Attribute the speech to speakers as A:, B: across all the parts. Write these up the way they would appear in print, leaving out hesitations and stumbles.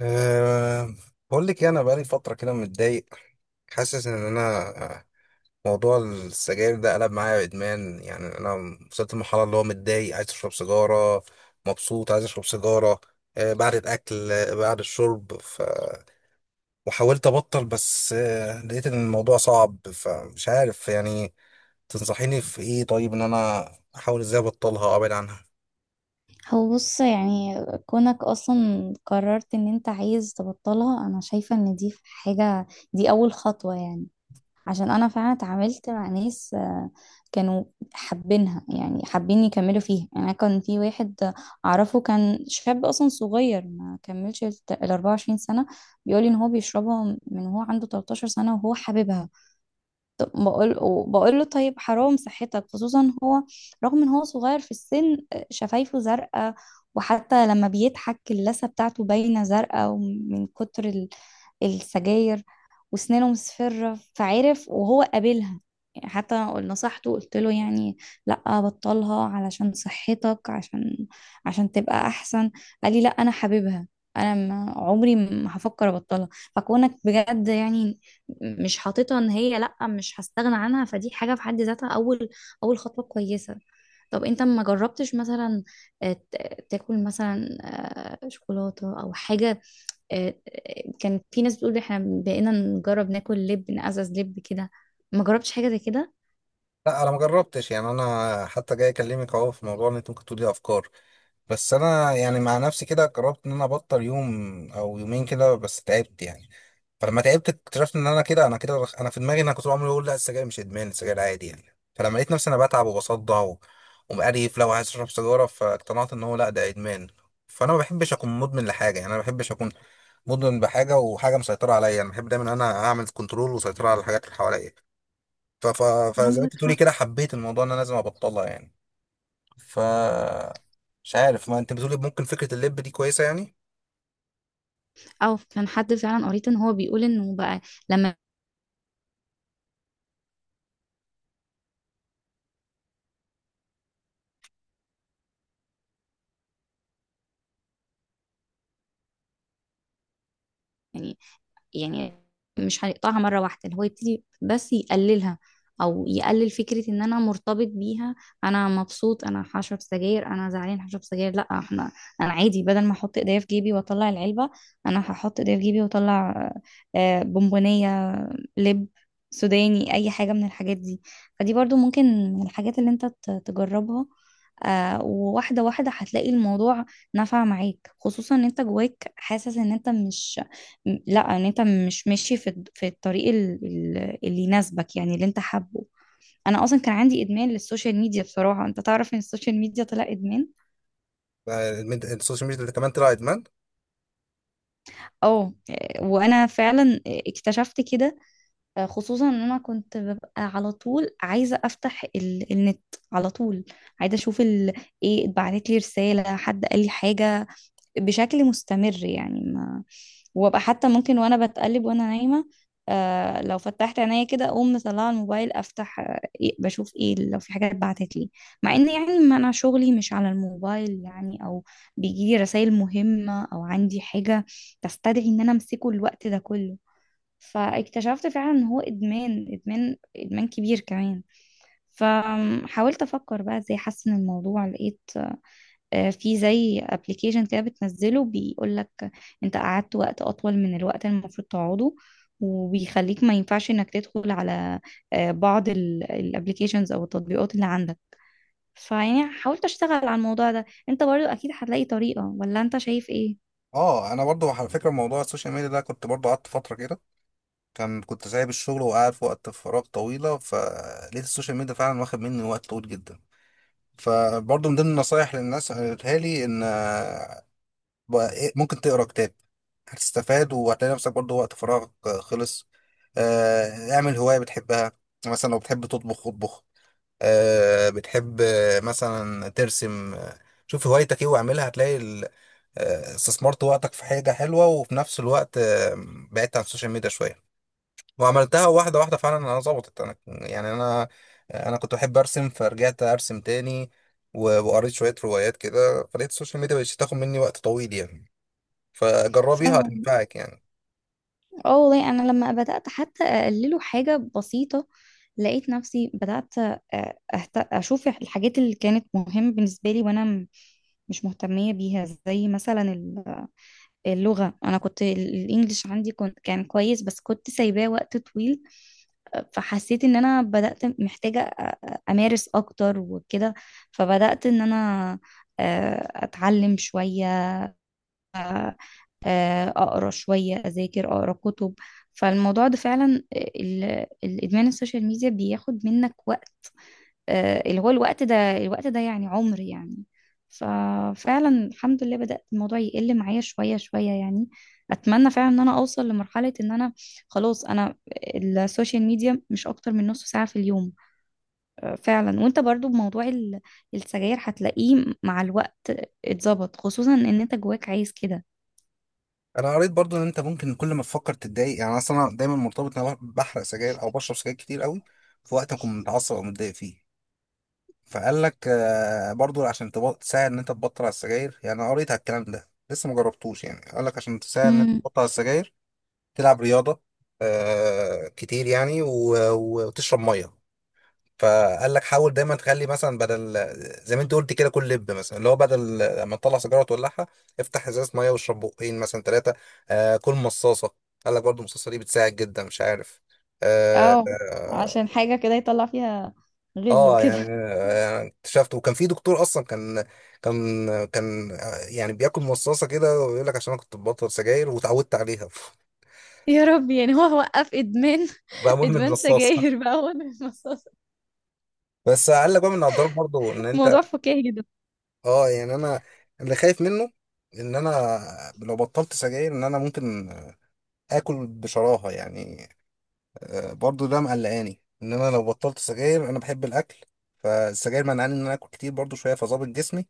A: أه بقول لك إيه، انا بقالي فتره كده متضايق. حاسس ان انا آه، موضوع السجاير ده قلب معايا ادمان يعني انا وصلت لمرحله اللي هو متضايق عايز اشرب سيجاره، مبسوط عايز اشرب سيجاره بعد الاكل بعد الشرب. وحاولت ابطل بس لقيت ان الموضوع صعب فمش عارف يعني. تنصحيني في ايه طيب ان انا احاول ازاي ابطلها او ابعد عنها؟
B: هو بص، كونك اصلا قررت ان انت عايز تبطلها، انا شايفة ان دي حاجة، دي اول خطوة عشان انا فعلا اتعاملت مع ناس. كانوا حابينها، حابين يكملوا فيها. أنا كان في واحد اعرفه، كان شاب اصلا صغير، ما كملش ال 24 سنة. بيقولي ان هو بيشربها من هو عنده 13 سنة، وهو حاببها. طب بقول وبقول له طيب حرام صحتك، خصوصا هو رغم ان هو صغير في السن، شفايفه زرقاء، وحتى لما بيضحك اللثة بتاعته باينة زرقاء ومن كتر السجاير، وسنانه مصفرة فعرف وهو قابلها. حتى نصحته، قلت له: لا بطلها علشان صحتك، عشان تبقى احسن. قال لي: لا انا حاببها، انا ما عمري ما هفكر ابطلها. فكونك بجد مش حاططها ان هي لا مش هستغنى عنها، فدي حاجة في حد ذاتها اول خطوة كويسة. طب انت ما جربتش مثلا، تاكل مثلا شوكولاتة او حاجة؟ آه، كان في ناس بتقول احنا بقينا نجرب ناكل لب، نقزز لب كده. ما جربتش حاجة زي كده؟
A: لا انا ما جربتش يعني انا حتى جاي اكلمك اهو في موضوع ان انت ممكن تقولي افكار. بس انا يعني مع نفسي كده قررت ان انا ابطل يوم او يومين كده بس تعبت يعني. فلما تعبت اكتشفت ان انا كده انا كده انا في دماغي ان انا كنت بعمل اقول لا السجاير مش ادمان السجاير عادي يعني. فلما لقيت نفسي انا بتعب وبصدع ومقريف لو عايز اشرب سيجاره فاقتنعت ان هو لا ده ادمان. فانا ما بحبش اكون مدمن لحاجه يعني انا ما بحبش اكون مدمن بحاجه وحاجه مسيطره عليا. انا بحب دايما ان انا اعمل كنترول وسيطره على الحاجات اللي حواليا ف... ف... فزي ما
B: عندك
A: انت تقولي
B: حق.
A: كده حبيت الموضوع ان انا لازم ابطلها يعني. ف مش عارف ما انت بتقول ممكن فكره اللب دي كويسه يعني.
B: او كان حد فعلا قريت ان هو بيقول انه بقى لما، يعني يعني مش هيقطعها مرة واحدة، اللي هو يبتدي بس يقللها، او يقلل فكرة ان انا مرتبط بيها. انا مبسوط انا هشرب سجاير، انا زعلان هشرب سجاير، لا احنا انا عادي بدل ما احط ايديا في جيبي واطلع العلبة، انا هحط ايديا في جيبي واطلع بونبونية، لب سوداني، اي حاجه من الحاجات دي. فدي برضو ممكن من الحاجات اللي انت تجربها. آه، وواحده واحده هتلاقي الموضوع نفع معاك، خصوصا ان انت جواك حاسس ان انت مش، لا ان انت مش ماشي في في الطريق اللي يناسبك، اللي انت حابه. انا اصلا كان عندي ادمان للسوشيال ميديا بصراحه، انت تعرف ان السوشيال ميديا طلع ادمان.
A: السوشيال ميديا ده كمان طلع ادمان.
B: اه، وانا فعلا اكتشفت كده. خصوصا ان انا كنت ببقى على طول عايزه افتح النت على طول، عايزه اشوف ايه اتبعت لي رساله، حد قال لي حاجه، بشكل مستمر. يعني ما وابقى حتى ممكن وانا بتقلب وانا نايمه، آه، لو فتحت عينيا كده اقوم مطلعه الموبايل، افتح آه إيه بشوف ايه لو في حاجه اتبعتت لي. مع ان ما انا شغلي مش على الموبايل، يعني او بيجي لي رسائل مهمه او عندي حاجه تستدعي ان انا امسكه الوقت ده كله. فاكتشفت فعلا ان هو ادمان، ادمان كبير كمان. فحاولت افكر بقى ازاي احسن الموضوع، لقيت في زي ابلكيشن كده بتنزله بيقول لك انت قعدت وقت اطول من الوقت اللي المفروض تقعده، وبيخليك ما ينفعش انك تدخل على بعض الابلكيشنز او التطبيقات اللي عندك. حاولت اشتغل على الموضوع ده. انت برضو اكيد هتلاقي طريقة، ولا انت شايف ايه؟
A: اه انا برضو على فكره موضوع السوشيال ميديا ده كنت برضو قعدت فتره كده. كنت سايب الشغل وقاعد في وقت فراغ طويله فلقيت السوشيال ميديا فعلا واخد مني وقت طويل جدا. فبرضو من ضمن النصايح للناس اللي قالتها لي ان بقى إيه، ممكن تقرا كتاب هتستفاد وهتلاقي نفسك برضو وقت فراغك خلص. اعمل هوايه بتحبها مثلا لو بتحب تطبخ اطبخ. بتحب مثلا ترسم. شوف هوايتك ايه واعملها هتلاقي استثمرت وقتك في حاجة حلوة وفي نفس الوقت بعدت عن السوشيال ميديا شوية وعملتها واحدة واحدة فعلا. انا ظبطت انا يعني انا كنت بحب ارسم فرجعت ارسم تاني وقريت شوية روايات كده فلقيت السوشيال ميديا مبقتش تاخد مني وقت طويل يعني. فجربيها
B: فعلا.
A: هتنفعك يعني.
B: اه والله، انا لما بدات حتى اقلله حاجه بسيطه لقيت نفسي بدات، اشوف الحاجات اللي كانت مهمه بالنسبه لي وانا، مش مهتميه بيها، زي مثلا اللغه. انا كنت الانجليش عندي كان كويس بس كنت سايباه وقت طويل. فحسيت ان انا بدات محتاجه امارس اكتر وكده. فبدات ان انا اتعلم شويه، اقرا شويه، اذاكر، اقرا كتب. فالموضوع ده فعلا الادمان السوشيال ميديا بياخد منك وقت، اللي هو الوقت ده، الوقت ده يعني عمر. يعني ففعلا الحمد لله بدأت الموضوع يقل معايا شوية شوية. يعني أتمنى فعلا إن أنا أوصل لمرحلة إن أنا خلاص أنا السوشيال ميديا مش أكتر من نص ساعة في اليوم. فعلا، وأنت برضو بموضوع السجاير هتلاقيه مع الوقت اتظبط، خصوصا إن أنت جواك عايز
A: انا قريت برضو ان انت ممكن كل ما تفكر تتضايق يعني اصلا أنا دايما مرتبط ان انا بحرق سجاير او بشرب سجاير كتير قوي في وقت اكون متعصب او متضايق فيه. فقال لك برضو عشان تساعد ان انت تبطل على السجاير يعني. انا قريت على الكلام ده لسه ما جربتوش يعني. قال لك عشان تساعد ان انت
B: كده.
A: تبطل على السجاير تلعب رياضه كتير يعني وتشرب ميه. فقال لك حاول دايما تخلي مثلا بدل زي ما انت قلت كده كل لب مثلا اللي هو بدل لما تطلع سيجاره وتولعها افتح ازازه ميه واشرب بقين مثلا ثلاثه كل مصاصه. قال لك برضو المصاصه دي بتساعد جدا مش عارف آه
B: اه، عشان
A: آه،
B: حاجة كده يطلع فيها غل
A: اه
B: وكده.
A: يعني اكتشفت وكان في دكتور اصلا كان يعني بياكل مصاصه كده ويقول لك عشان انا كنت ببطل سجاير وتعودت عليها
B: يا رب، هو وقف ادمان.
A: بقى مدمن
B: ادمان
A: المصاصه.
B: سجاير بقى هو المصاصة.
A: بس قال لك بقى من الاضرار برضه ان انت.
B: موضوع فكاهي جدا.
A: اه يعني انا اللي خايف منه ان انا لو بطلت سجاير ان انا ممكن اكل بشراهه يعني. برضه ده مقلقاني ان انا لو بطلت سجاير انا بحب الاكل. فالسجاير منعني ان انا اكل كتير برضه شويه فظابط جسمي.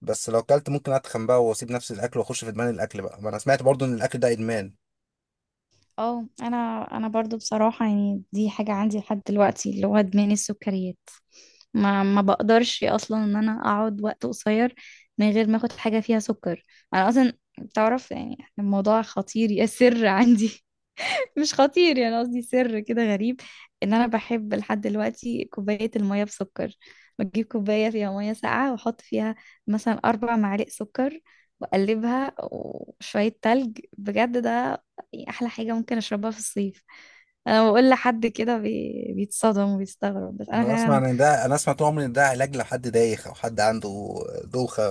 A: بس لو اكلت ممكن اتخن بقى واسيب نفس الاكل واخش في ادمان الاكل بقى ما انا سمعت برضو ان الاكل ده ادمان.
B: اه، انا برضو بصراحة، دي حاجة عندي لحد دلوقتي اللي هو ادمان السكريات. ما بقدرش اصلا ان انا اقعد وقت قصير من غير ما اخد حاجة فيها سكر. انا اصلا تعرف الموضوع خطير يا سر عندي. مش خطير، قصدي سر كده غريب، ان انا بحب لحد دلوقتي كوبايه الميه بسكر. بجيب كوبايه فيها ميه ساقعه، واحط فيها مثلا اربع معالق سكر، واقلبها وشويه تلج. بجد ده احلى حاجه ممكن اشربها في الصيف. انا بقول لحد كده بيتصدم وبيستغرب، بس انا
A: يعني انا اسمع
B: فعلا.
A: ان ده انا اسمع طول عمري ان ده علاج لحد دايخ او حد عنده دوخه،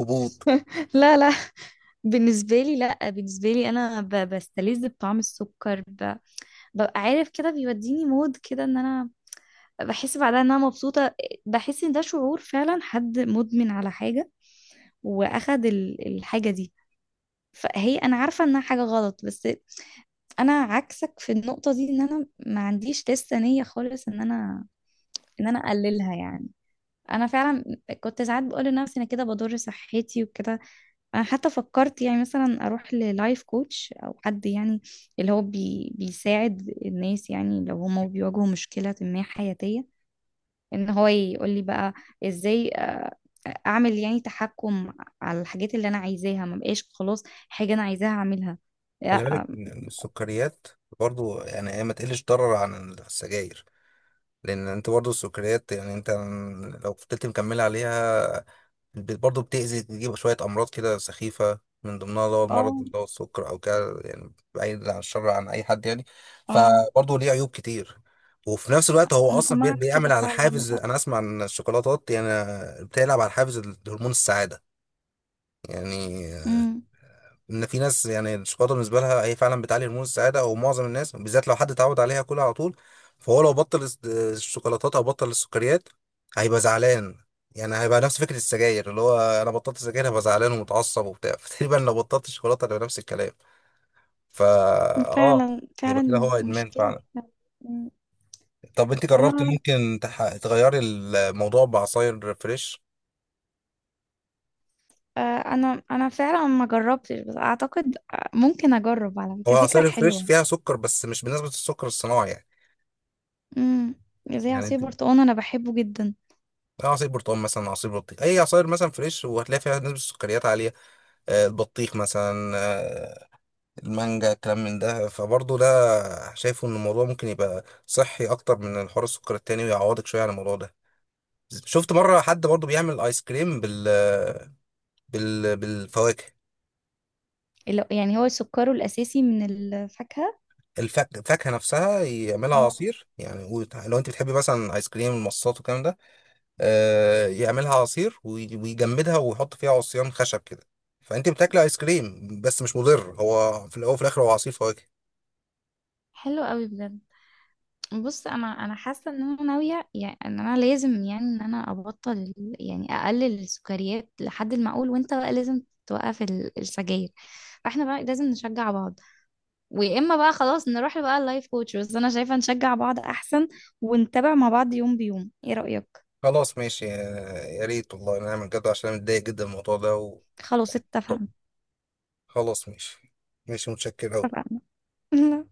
A: هبوط.
B: لا لا، بالنسبه لي لا، بالنسبه لي انا بستلذ بطعم السكر، ببقى عارف كده بيوديني مود كده ان انا بحس بعدها ان انا مبسوطه. بحس ان ده شعور فعلا حد مدمن على حاجه واخد الحاجه دي. فهي انا عارفه انها حاجه غلط، بس انا عكسك في النقطه دي، ان انا ما عنديش لسه نيه خالص ان انا اقللها. انا فعلا كنت ساعات بقول لنفسي انا كده بضر صحتي وكده. انا حتى فكرت مثلا اروح للايف كوتش او حد، اللي هو بيساعد الناس لو هما بيواجهوا مشكله ما حياتيه، ان هو يقول لي بقى ازاي اعمل تحكم على الحاجات اللي انا عايزاها. ما بقاش خلاص حاجة انا عايزاها اعملها؟
A: خلي بالك
B: لا.
A: ان السكريات برضو يعني هي ما تقلش ضرر عن السجاير. لان انت برضو السكريات يعني انت لو فضلت مكمله عليها برضه بتأذي تجيب شوية أمراض كده سخيفة من ضمنها اللي هو المرض
B: اه.
A: اللي هو السكر أو كده يعني بعيد عن الشر عن أي حد يعني.
B: اه،
A: فبرضه ليه عيوب كتير. وفي نفس الوقت هو
B: انا
A: أصلا
B: سمعت كده
A: بيعمل على
B: فعلا
A: حافز.
B: للاسف.
A: أنا أسمع إن الشوكولاتات يعني بتلعب على حافز هرمون السعادة، يعني
B: امم.
A: ان في ناس يعني الشوكولاته بالنسبه لها هي فعلا بتعلي هرمون السعاده او معظم الناس بالذات لو حد اتعود عليها كلها على طول. فهو لو بطل الشوكولاتات او بطل السكريات هيبقى زعلان. يعني هيبقى نفس فكره السجاير اللي هو انا بطلت سجاير هبقى زعلان ومتعصب وبتاع فتقريبا لو بطلت الشوكولاته هيبقى نفس الكلام. فا اه
B: فعلا،
A: هيبقى كده هو
B: فعلا
A: ادمان
B: مشكلة.
A: فعلا.
B: مم.
A: طب انت جربت
B: انا،
A: ممكن تغيري الموضوع بعصاير فريش؟
B: آه، انا فعلا ما جربتش، بس اعتقد آه، ممكن اجرب. على
A: هو
B: فكره فكره
A: العصاير الفريش
B: حلوه.
A: فيها سكر بس مش بنسبه السكر الصناعي يعني.
B: امم. زي
A: يعني
B: عصير
A: انت
B: برتقال، انا بحبه جدا.
A: عصير برتقال مثلا عصير بطيخ اي عصاير مثلا فريش وهتلاقي فيها نسبه السكريات عاليه. البطيخ مثلا، المانجا الكلام من ده فبرضه ده شايفه ان الموضوع ممكن يبقى صحي اكتر من الحوار السكر التاني ويعوضك شويه عن الموضوع ده. شفت مره حد برضه بيعمل ايس كريم بالفواكه.
B: اللي، هو سكره الاساسي من الفاكهه.
A: الفاكهه نفسها يعملها
B: اه،
A: عصير يعني، لو انت بتحبي مثلا ايس كريم المصاصات والكلام ده يعملها عصير ويجمدها ويحط فيها عصيان خشب كده. فانت بتاكلي ايس كريم بس مش مضر، هو في الاول وفي الاخر هو عصير فواكه.
B: حلو قوي بجد. بص، انا حاسه ان انا ناويه، ان انا لازم، ان انا ابطل اقلل السكريات لحد المعقول، وانت بقى لازم توقف السجاير. فاحنا بقى لازم نشجع بعض، ويا اما بقى خلاص نروح بقى اللايف كوتش، بس انا شايفه نشجع بعض احسن، ونتابع مع بعض يوم بيوم. ايه رايك؟
A: خلاص ماشي، يا ريت والله نعمل كده عشان انا متضايق جدا من الموضوع ده.
B: خلاص
A: طب
B: اتفقنا.
A: خلاص ماشي. ماشي، متشكر أوي.
B: اتفقنا.